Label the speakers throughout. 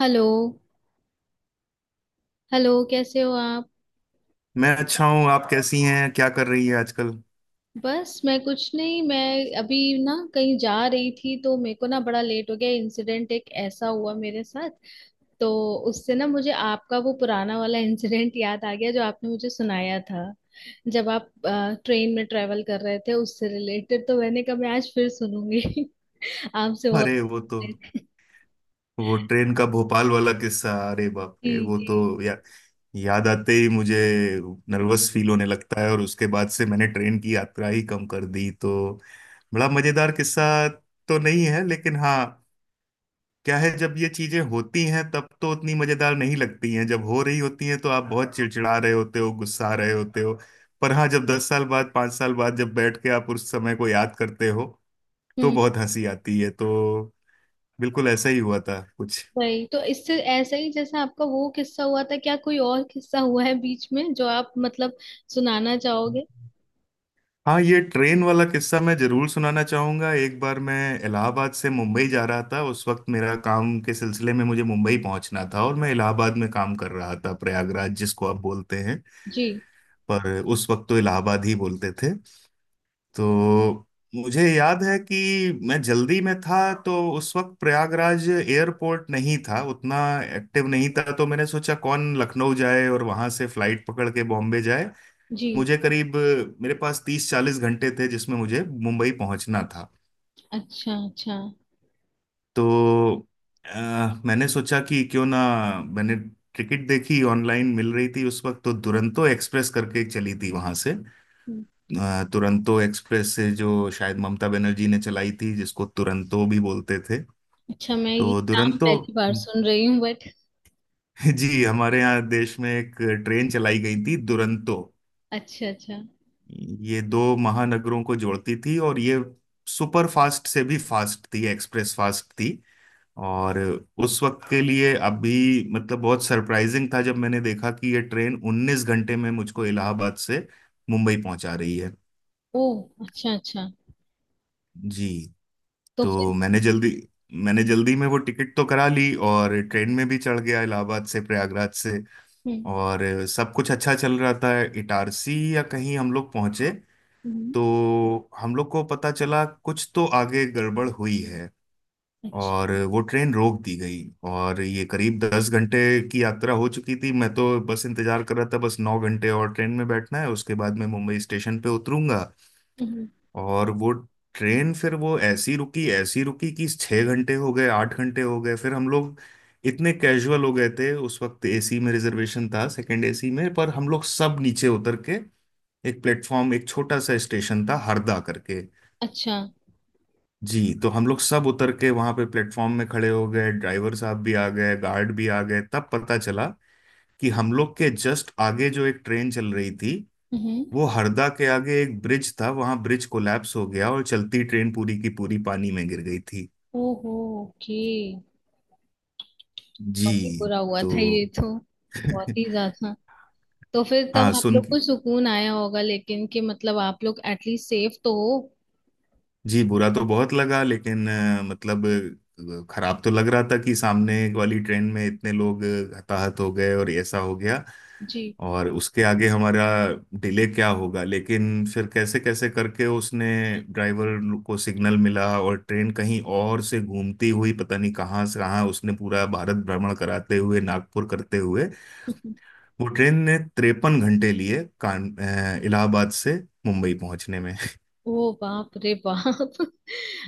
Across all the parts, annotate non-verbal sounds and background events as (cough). Speaker 1: Hello. Hello, कैसे हो आप?
Speaker 2: मैं अच्छा हूँ। आप कैसी हैं? क्या कर रही है आजकल?
Speaker 1: बस मैं कुछ नहीं। मैं अभी ना कहीं जा रही थी तो मेरे को ना बड़ा लेट हो गया। इंसिडेंट एक ऐसा हुआ मेरे साथ। तो उससे ना मुझे आपका वो पुराना वाला (laughs) इंसिडेंट याद आ गया जो आपने मुझे सुनाया था, जब आप ट्रेन में ट्रेवल कर रहे थे, उससे रिलेटेड। तो मैंने कहा मैं आज फिर सुनूंगी (laughs) आपसे वो।
Speaker 2: अरे वो तो वो ट्रेन का भोपाल वाला किस्सा। अरे बाप
Speaker 1: जी
Speaker 2: रे, वो
Speaker 1: जी।
Speaker 2: तो याद आते ही मुझे नर्वस फील होने लगता है, और उसके बाद से मैंने ट्रेन की यात्रा ही कम कर दी। तो बड़ा मजेदार किस्सा तो नहीं है, लेकिन हाँ, क्या है, जब ये चीजें होती हैं तब तो उतनी मजेदार नहीं लगती हैं। जब हो रही होती हैं तो आप बहुत चिड़चिड़ा रहे होते हो, गुस्सा रहे होते हो। पर हाँ, जब 10 साल बाद, 5 साल बाद जब बैठ के आप उस समय को याद करते हो तो बहुत हंसी आती है। तो बिल्कुल ऐसा ही हुआ था कुछ।
Speaker 1: वही तो, इससे ऐसा ही जैसे आपका वो किस्सा हुआ था, क्या कोई और किस्सा हुआ है बीच में जो आप, मतलब, सुनाना चाहोगे?
Speaker 2: हाँ, ये ट्रेन वाला किस्सा मैं जरूर सुनाना चाहूंगा। एक बार मैं इलाहाबाद से मुंबई जा रहा था। उस वक्त मेरा काम के सिलसिले में मुझे मुंबई पहुंचना था, और मैं इलाहाबाद में काम कर रहा था, प्रयागराज जिसको आप बोलते हैं,
Speaker 1: जी
Speaker 2: पर उस वक्त तो इलाहाबाद ही बोलते थे। तो मुझे याद है कि मैं जल्दी में था। तो उस वक्त प्रयागराज एयरपोर्ट नहीं था उतना, एक्टिव नहीं था। तो मैंने सोचा कौन लखनऊ जाए और वहां से फ्लाइट पकड़ के बॉम्बे जाए।
Speaker 1: जी।
Speaker 2: मुझे करीब, मेरे पास 30-40 घंटे थे जिसमें मुझे मुंबई पहुंचना था।
Speaker 1: अच्छा अच्छा।
Speaker 2: तो मैंने सोचा कि क्यों ना, मैंने टिकट देखी, ऑनलाइन मिल रही थी। उस वक्त तो दुरंतो एक्सप्रेस करके चली थी वहां से, तुरंतो एक्सप्रेस, से जो शायद ममता बनर्जी ने चलाई थी, जिसको तुरंतो भी बोलते थे।
Speaker 1: अच्छा, मैं ये
Speaker 2: तो
Speaker 1: नाम
Speaker 2: दुरंतो
Speaker 1: पहली बार
Speaker 2: (laughs)
Speaker 1: सुन रही हूँ बट।
Speaker 2: जी, हमारे यहाँ देश में एक ट्रेन चलाई गई थी, दुरंतो।
Speaker 1: अच्छा अच्छा।
Speaker 2: ये दो महानगरों को जोड़ती थी, और ये सुपर फास्ट से भी फास्ट थी, एक्सप्रेस फास्ट थी। और उस वक्त के लिए अभी मतलब बहुत सरप्राइजिंग था जब मैंने देखा कि ये ट्रेन 19 घंटे में मुझको इलाहाबाद से मुंबई पहुंचा रही है।
Speaker 1: ओ, अच्छा अच्छा।
Speaker 2: जी।
Speaker 1: तो
Speaker 2: तो
Speaker 1: फिर?
Speaker 2: मैंने जल्दी में वो टिकट तो करा ली, और ट्रेन में भी चढ़ गया इलाहाबाद से, प्रयागराज से।
Speaker 1: हम्म।
Speaker 2: और सब कुछ अच्छा चल रहा था। इटारसी या कहीं हम लोग पहुंचे
Speaker 1: हम्म,
Speaker 2: तो हम लोग को पता चला कुछ तो आगे गड़बड़ हुई है, और
Speaker 1: अच्छा।
Speaker 2: वो ट्रेन रोक दी गई। और ये करीब 10 घंटे की यात्रा हो चुकी थी। मैं तो बस इंतजार कर रहा था, बस 9 घंटे और ट्रेन में बैठना है, उसके बाद मैं मुंबई स्टेशन पे उतरूंगा।
Speaker 1: हम्म।
Speaker 2: और वो ट्रेन फिर वो ऐसी रुकी, ऐसी रुकी कि 6 घंटे हो गए, 8 घंटे हो गए। फिर हम लोग इतने कैजुअल हो गए थे। उस वक्त एसी में रिजर्वेशन था, सेकंड एसी में, पर हम लोग सब नीचे उतर के, एक प्लेटफॉर्म, एक छोटा सा स्टेशन था, हरदा करके।
Speaker 1: अच्छा।
Speaker 2: जी, तो हम लोग सब उतर के वहां पे प्लेटफॉर्म में खड़े हो गए, ड्राइवर साहब भी आ गए, गार्ड भी आ गए। तब पता चला कि हम लोग के जस्ट आगे जो एक ट्रेन चल रही थी,
Speaker 1: हम्म।
Speaker 2: वो हरदा के आगे एक ब्रिज था, वहां ब्रिज कोलैप्स हो गया और चलती ट्रेन पूरी की पूरी पानी में गिर गई थी।
Speaker 1: ओहो। ओके।
Speaker 2: जी।
Speaker 1: बहुत ही बुरा हुआ
Speaker 2: तो
Speaker 1: था ये तो। बहुत ही
Speaker 2: (laughs)
Speaker 1: ज्यादा। तो फिर तब
Speaker 2: हाँ
Speaker 1: आप
Speaker 2: सुन।
Speaker 1: लोग को सुकून आया होगा लेकिन, कि मतलब आप लोग एटलीस्ट सेफ तो हो।
Speaker 2: जी, बुरा तो बहुत लगा, लेकिन मतलब खराब तो लग रहा था कि सामने वाली ट्रेन में इतने लोग हताहत हो गए और ऐसा हो गया।
Speaker 1: जी।
Speaker 2: और उसके आगे हमारा डिले क्या होगा, लेकिन फिर कैसे कैसे करके उसने, ड्राइवर को सिग्नल मिला और ट्रेन कहीं और से घूमती हुई, पता नहीं कहाँ से कहाँ, उसने पूरा भारत भ्रमण कराते हुए, नागपुर करते हुए,
Speaker 1: (laughs)
Speaker 2: वो ट्रेन ने 53 घंटे लिए कान इलाहाबाद से मुंबई पहुंचने में।
Speaker 1: ओ बाप रे बाप। (laughs)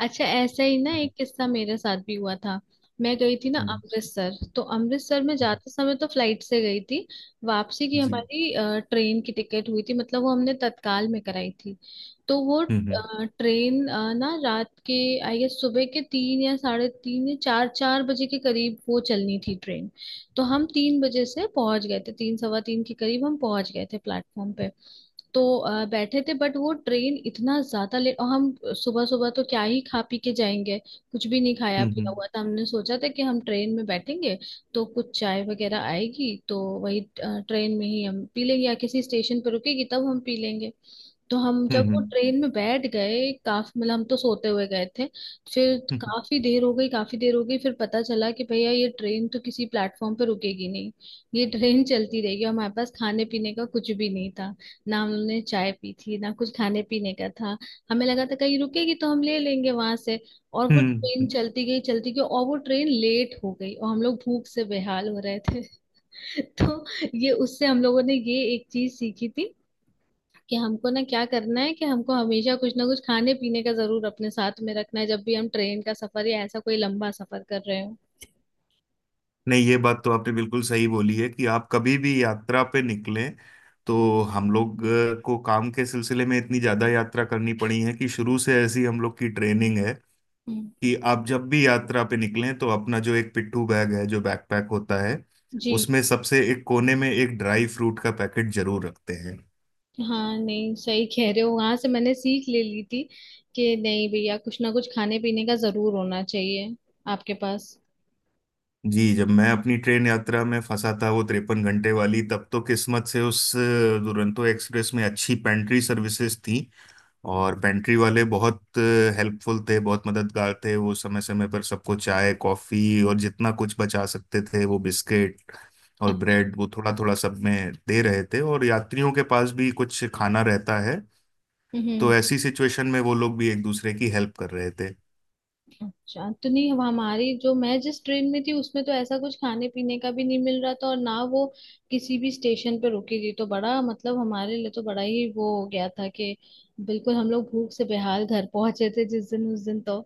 Speaker 1: अच्छा, ऐसा ही ना एक किस्सा मेरे साथ भी हुआ था। मैं गई थी ना
Speaker 2: (laughs)
Speaker 1: अमृतसर, तो अमृतसर में जाते समय तो फ्लाइट से गई थी। वापसी की
Speaker 2: जी।
Speaker 1: हमारी ट्रेन की टिकट हुई थी, मतलब वो हमने तत्काल में कराई थी। तो वो
Speaker 2: हम्म हम्म।
Speaker 1: ट्रेन ना रात के, आई गेस सुबह के तीन या साढ़े तीन या चार चार बजे के करीब वो चलनी थी ट्रेन। तो हम तीन बजे से पहुंच गए थे, तीन सवा तीन के करीब हम पहुंच गए थे प्लेटफॉर्म पे। तो बैठे थे, बट वो ट्रेन इतना ज्यादा लेट, और हम सुबह सुबह तो क्या ही खा पी के जाएंगे। कुछ भी नहीं खाया पिया
Speaker 2: हम्म।
Speaker 1: हुआ था, हमने सोचा था कि हम ट्रेन में बैठेंगे तो कुछ चाय वगैरह आएगी तो वही ट्रेन में ही हम पी लेंगे या किसी स्टेशन पर रुकेगी तब हम पी लेंगे। तो हम जब वो
Speaker 2: हम्म।
Speaker 1: ट्रेन में बैठ गए, काफी मतलब हम तो सोते हुए गए थे। फिर
Speaker 2: हम्म, हम्म।
Speaker 1: काफी देर हो गई, काफी देर हो गई, फिर पता चला कि भैया ये ट्रेन तो किसी प्लेटफॉर्म पे रुकेगी नहीं, ये ट्रेन चलती रहेगी। और हमारे पास खाने पीने का कुछ भी नहीं था। ना हमने चाय पी थी, ना कुछ खाने पीने का था। हमें लगा था कहीं रुकेगी तो हम ले लेंगे वहां से। और वो
Speaker 2: हम्म,
Speaker 1: ट्रेन
Speaker 2: हम्म।
Speaker 1: चलती गई चलती गई, और वो ट्रेन लेट हो गई और हम लोग भूख से बेहाल हो रहे थे। (laughs) तो ये, उससे हम लोगों ने ये एक चीज सीखी थी कि हमको ना क्या करना है, कि हमको हमेशा कुछ ना कुछ खाने पीने का जरूर अपने साथ में रखना है जब भी हम ट्रेन का सफर या ऐसा कोई लंबा सफर कर रहे हो।
Speaker 2: नहीं, ये बात तो आपने बिल्कुल सही बोली है कि आप कभी भी यात्रा पे निकलें। तो हम लोग को काम के सिलसिले में इतनी ज्यादा यात्रा करनी पड़ी है कि शुरू से ऐसी हम लोग की ट्रेनिंग है
Speaker 1: हम्म,
Speaker 2: कि आप जब भी यात्रा पे निकलें तो अपना जो एक पिट्ठू बैग है, जो बैकपैक होता है,
Speaker 1: जी।
Speaker 2: उसमें सबसे एक कोने में एक ड्राई फ्रूट का पैकेट जरूर रखते हैं।
Speaker 1: हाँ नहीं, सही कह रहे हो, वहां से मैंने सीख ले ली थी कि नहीं भैया, कुछ ना कुछ खाने पीने का जरूर होना चाहिए आपके पास।
Speaker 2: जी, जब मैं अपनी ट्रेन यात्रा में फंसा था, वो 53 घंटे वाली, तब तो किस्मत से उस दुरंतो एक्सप्रेस में अच्छी पेंट्री सर्विसेज थी, और पेंट्री वाले बहुत हेल्पफुल थे, बहुत मददगार थे। वो समय समय पर सबको चाय कॉफी और जितना कुछ बचा सकते थे, वो बिस्किट
Speaker 1: अ-
Speaker 2: और ब्रेड, वो थोड़ा थोड़ा सब में दे रहे थे, और यात्रियों के पास भी कुछ खाना रहता है। तो
Speaker 1: हम्म,
Speaker 2: ऐसी सिचुएशन में वो लोग भी एक दूसरे की हेल्प कर रहे थे।
Speaker 1: अच्छा। तो नहीं, हमारी जो, मैं जिस ट्रेन में थी उसमें तो ऐसा कुछ खाने पीने का भी नहीं मिल रहा था और ना वो किसी भी स्टेशन पे रुकी थी, तो बड़ा मतलब हमारे लिए तो बड़ा ही वो हो गया था कि बिल्कुल हम लोग भूख से बेहाल घर पहुंचे थे जिस दिन, उस दिन तो।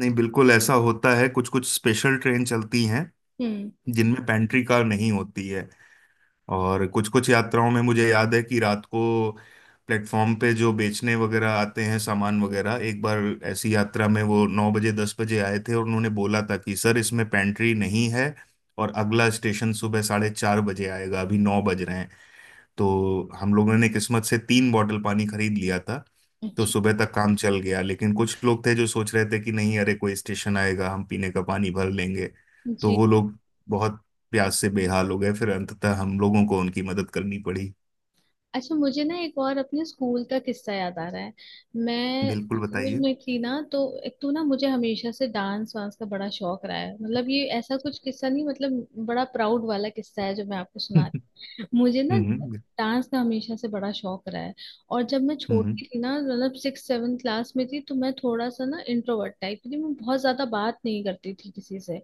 Speaker 2: नहीं बिल्कुल, ऐसा होता है, कुछ कुछ स्पेशल ट्रेन चलती हैं
Speaker 1: हम्म।
Speaker 2: जिनमें पेंट्री कार नहीं होती है। और कुछ कुछ यात्राओं में मुझे याद है कि रात को प्लेटफॉर्म पे जो बेचने वगैरह आते हैं सामान वगैरह, एक बार ऐसी यात्रा में वो 9 बजे, 10 बजे आए थे और उन्होंने बोला था कि सर इसमें पेंट्री नहीं है, और अगला स्टेशन सुबह 4:30 बजे आएगा, अभी 9 बज रहे हैं। तो हम लोगों ने किस्मत से 3 बॉटल पानी खरीद लिया था। तो
Speaker 1: अच्छा।
Speaker 2: सुबह तक काम चल गया, लेकिन कुछ लोग थे जो सोच रहे थे कि नहीं, अरे, कोई स्टेशन आएगा, हम पीने का पानी भर लेंगे। तो
Speaker 1: जी।
Speaker 2: वो लोग बहुत प्यास से बेहाल हो गए, फिर अंततः हम लोगों को उनकी मदद करनी पड़ी।
Speaker 1: अच्छा, मुझे ना एक और अपने स्कूल का किस्सा याद आ रहा है। मैं
Speaker 2: बिल्कुल,
Speaker 1: स्कूल
Speaker 2: बताइए। (laughs)
Speaker 1: में थी ना, तो एक तो ना मुझे हमेशा से डांस वांस का बड़ा शौक रहा है। मतलब ये ऐसा कुछ किस्सा नहीं, मतलब बड़ा प्राउड वाला किस्सा है जो मैं आपको सुना। मुझे ना
Speaker 2: हम्म
Speaker 1: डांस का हमेशा से बड़ा शौक रहा है। और जब मैं
Speaker 2: हम्म।
Speaker 1: छोटी थी ना, मतलब सिक्स सेवन क्लास में थी, तो मैं थोड़ा सा ना इंट्रोवर्ट टाइप थी, मैं बहुत ज्यादा बात नहीं करती थी किसी से।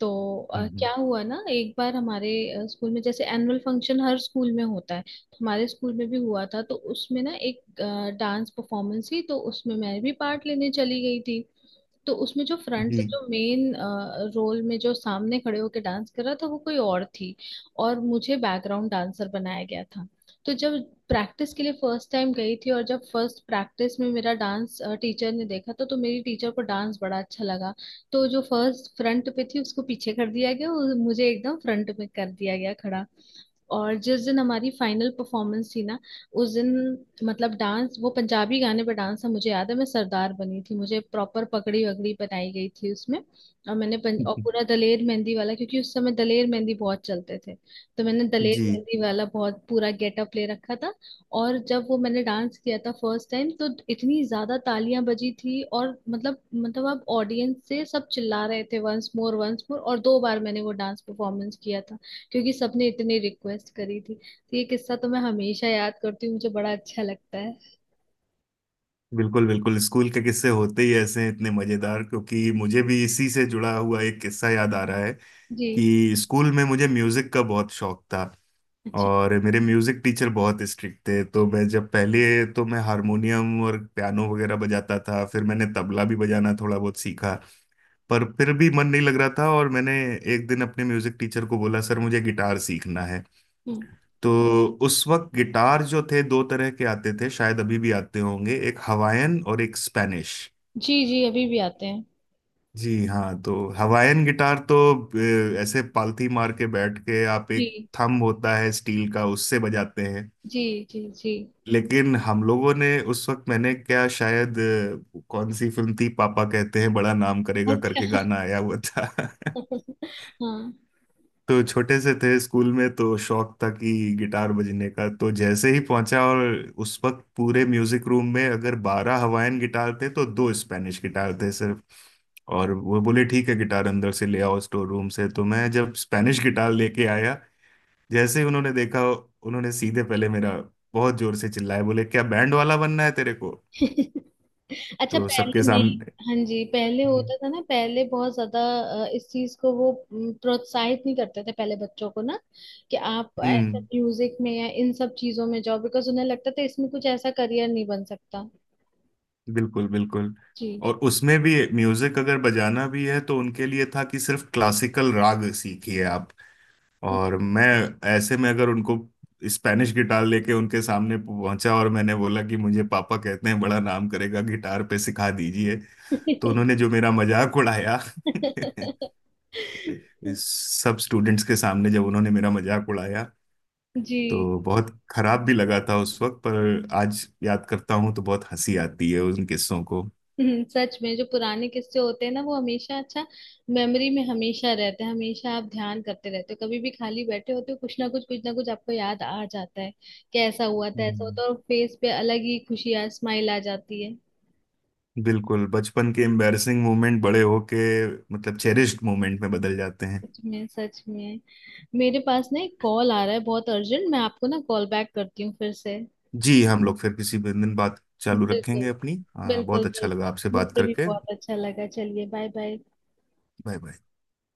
Speaker 1: तो
Speaker 2: हम्म।
Speaker 1: क्या हुआ ना, एक बार हमारे स्कूल में, जैसे एनुअल फंक्शन हर स्कूल में होता है तो हमारे स्कूल में भी हुआ था, तो उसमें ना एक डांस परफॉर्मेंस थी, तो उसमें मैं भी पार्ट लेने चली गई थी। तो उसमें जो फ्रंट,
Speaker 2: जी
Speaker 1: जो मेन रोल में, जो सामने खड़े होकर डांस कर रहा था, वो कोई और थी और मुझे बैकग्राउंड डांसर बनाया गया था। तो जब प्रैक्टिस के लिए फर्स्ट टाइम गई थी, और जब फर्स्ट प्रैक्टिस में मेरा डांस टीचर ने देखा, तो मेरी टीचर को डांस बड़ा अच्छा लगा। तो जो फर्स्ट फ्रंट पे थी, उसको पीछे कर दिया गया और मुझे एकदम फ्रंट में कर दिया गया खड़ा। और जिस दिन हमारी फाइनल परफॉर्मेंस थी ना, उस दिन, मतलब डांस, वो पंजाबी गाने पर डांस था, मुझे याद है, मैं सरदार बनी थी, मुझे प्रॉपर पगड़ी वगड़ी बनाई गई थी उसमें। और मैंने और पूरा दलेर मेहंदी वाला, क्योंकि उस समय दलेर मेहंदी बहुत चलते थे, तो मैंने दलेर
Speaker 2: जी।
Speaker 1: मेहंदी वाला बहुत पूरा गेटअप ले रखा था। और जब वो मैंने डांस किया था फर्स्ट टाइम, तो इतनी ज्यादा तालियां बजी थी, और मतलब अब ऑडियंस से सब चिल्ला रहे थे वंस मोर वंस मोर, और दो बार मैंने वो डांस परफॉर्मेंस किया था क्योंकि सबने इतनी रिक्वेस्ट करी थी। तो ये किस्सा तो मैं हमेशा याद करती हूँ, मुझे बड़ा अच्छा लगता है।
Speaker 2: बिल्कुल बिल्कुल, स्कूल के किस्से होते ही ऐसे हैं, इतने मजेदार। क्योंकि मुझे भी इसी से जुड़ा हुआ एक किस्सा याद आ रहा है
Speaker 1: जी।
Speaker 2: कि स्कूल में मुझे म्यूजिक का बहुत शौक था,
Speaker 1: अच्छा।
Speaker 2: और मेरे म्यूजिक टीचर बहुत स्ट्रिक्ट थे। तो मैं जब पहले, तो मैं हारमोनियम और पियानो वगैरह बजाता था, फिर मैंने तबला भी बजाना थोड़ा बहुत सीखा। पर फिर भी मन नहीं लग रहा था, और मैंने एक दिन अपने म्यूजिक टीचर को बोला सर मुझे गिटार सीखना है।
Speaker 1: हम्म।
Speaker 2: तो उस वक्त गिटार जो थे, दो तरह के आते थे, शायद अभी भी आते होंगे, एक हवायन और एक स्पेनिश।
Speaker 1: जी जी, अभी भी आते हैं।
Speaker 2: जी हाँ, तो हवायन गिटार तो ऐसे पालथी मार के बैठ के आप एक,
Speaker 1: जी
Speaker 2: थंब होता है स्टील का, उससे बजाते हैं।
Speaker 1: जी जी। जी।
Speaker 2: लेकिन हम लोगों ने उस वक्त, मैंने क्या शायद, कौन सी फिल्म थी, पापा कहते हैं बड़ा नाम करेगा करके
Speaker 1: अच्छा।
Speaker 2: गाना आया हुआ था। (laughs)
Speaker 1: (laughs) हाँ।
Speaker 2: तो छोटे से थे स्कूल में, तो शौक था कि गिटार बजने का। तो जैसे ही पहुंचा, और उस वक्त पूरे म्यूजिक रूम में अगर 12 हवाइन गिटार थे तो दो स्पेनिश गिटार थे सिर्फ। और वो बोले ठीक है, गिटार अंदर से ले आओ स्टोर रूम से। तो मैं जब स्पेनिश गिटार लेके आया, जैसे ही उन्होंने देखा, उन्होंने सीधे पहले मेरा, बहुत जोर से चिल्लाए, बोले क्या बैंड वाला बनना है तेरे को?
Speaker 1: (laughs) अच्छा,
Speaker 2: तो सबके
Speaker 1: पहले नहीं?
Speaker 2: सामने।
Speaker 1: हाँ जी, पहले होता था ना, पहले बहुत ज्यादा इस चीज को वो प्रोत्साहित नहीं करते थे पहले बच्चों को ना, कि आप ऐसे
Speaker 2: हम्म।
Speaker 1: म्यूजिक में या इन सब चीजों में जाओ, बिकॉज उन्हें लगता था इसमें कुछ ऐसा करियर नहीं बन सकता।
Speaker 2: बिल्कुल बिल्कुल। और उसमें भी म्यूजिक अगर बजाना भी है तो उनके लिए था कि सिर्फ क्लासिकल राग सीखिए आप।
Speaker 1: जी।
Speaker 2: और मैं ऐसे में अगर उनको स्पेनिश गिटार लेके उनके सामने पहुंचा और मैंने बोला कि मुझे पापा कहते हैं बड़ा नाम करेगा गिटार पे सिखा दीजिए, तो
Speaker 1: (laughs)
Speaker 2: उन्होंने जो मेरा मजाक उड़ाया। (laughs) सब स्टूडेंट्स के सामने जब उन्होंने मेरा मजाक उड़ाया,
Speaker 1: जी।
Speaker 2: तो बहुत खराब भी लगा था उस वक्त, पर आज याद करता हूँ तो बहुत हंसी आती है उन किस्सों को।
Speaker 1: सच में जो पुराने किस्से होते हैं ना वो हमेशा अच्छा, मेमोरी में हमेशा रहते हैं। हमेशा आप ध्यान करते रहते हो, कभी भी खाली बैठे होते हो कुछ ना कुछ, कुछ ना कुछ आपको याद आ जाता है कि ऐसा हुआ था ऐसा
Speaker 2: हम्म।
Speaker 1: होता है, और फेस पे अलग ही खुशी आ, स्माइल आ जाती है।
Speaker 2: बिल्कुल, बचपन के एम्बैरसिंग मोमेंट बड़े होके मतलब चेरिश्ड मोमेंट में बदल जाते हैं।
Speaker 1: सच में, सच में। मेरे पास ना एक कॉल आ रहा है बहुत अर्जेंट, मैं आपको ना कॉल बैक करती हूँ फिर से।
Speaker 2: जी, हम लोग फिर किसी दिन बात चालू
Speaker 1: बिल्कुल।
Speaker 2: रखेंगे अपनी।
Speaker 1: बिल्कुल
Speaker 2: बहुत अच्छा लगा आपसे
Speaker 1: बिल्कुल।
Speaker 2: बात
Speaker 1: मुझे भी
Speaker 2: करके।
Speaker 1: बहुत अच्छा लगा, चलिए बाय बाय।
Speaker 2: Bye bye.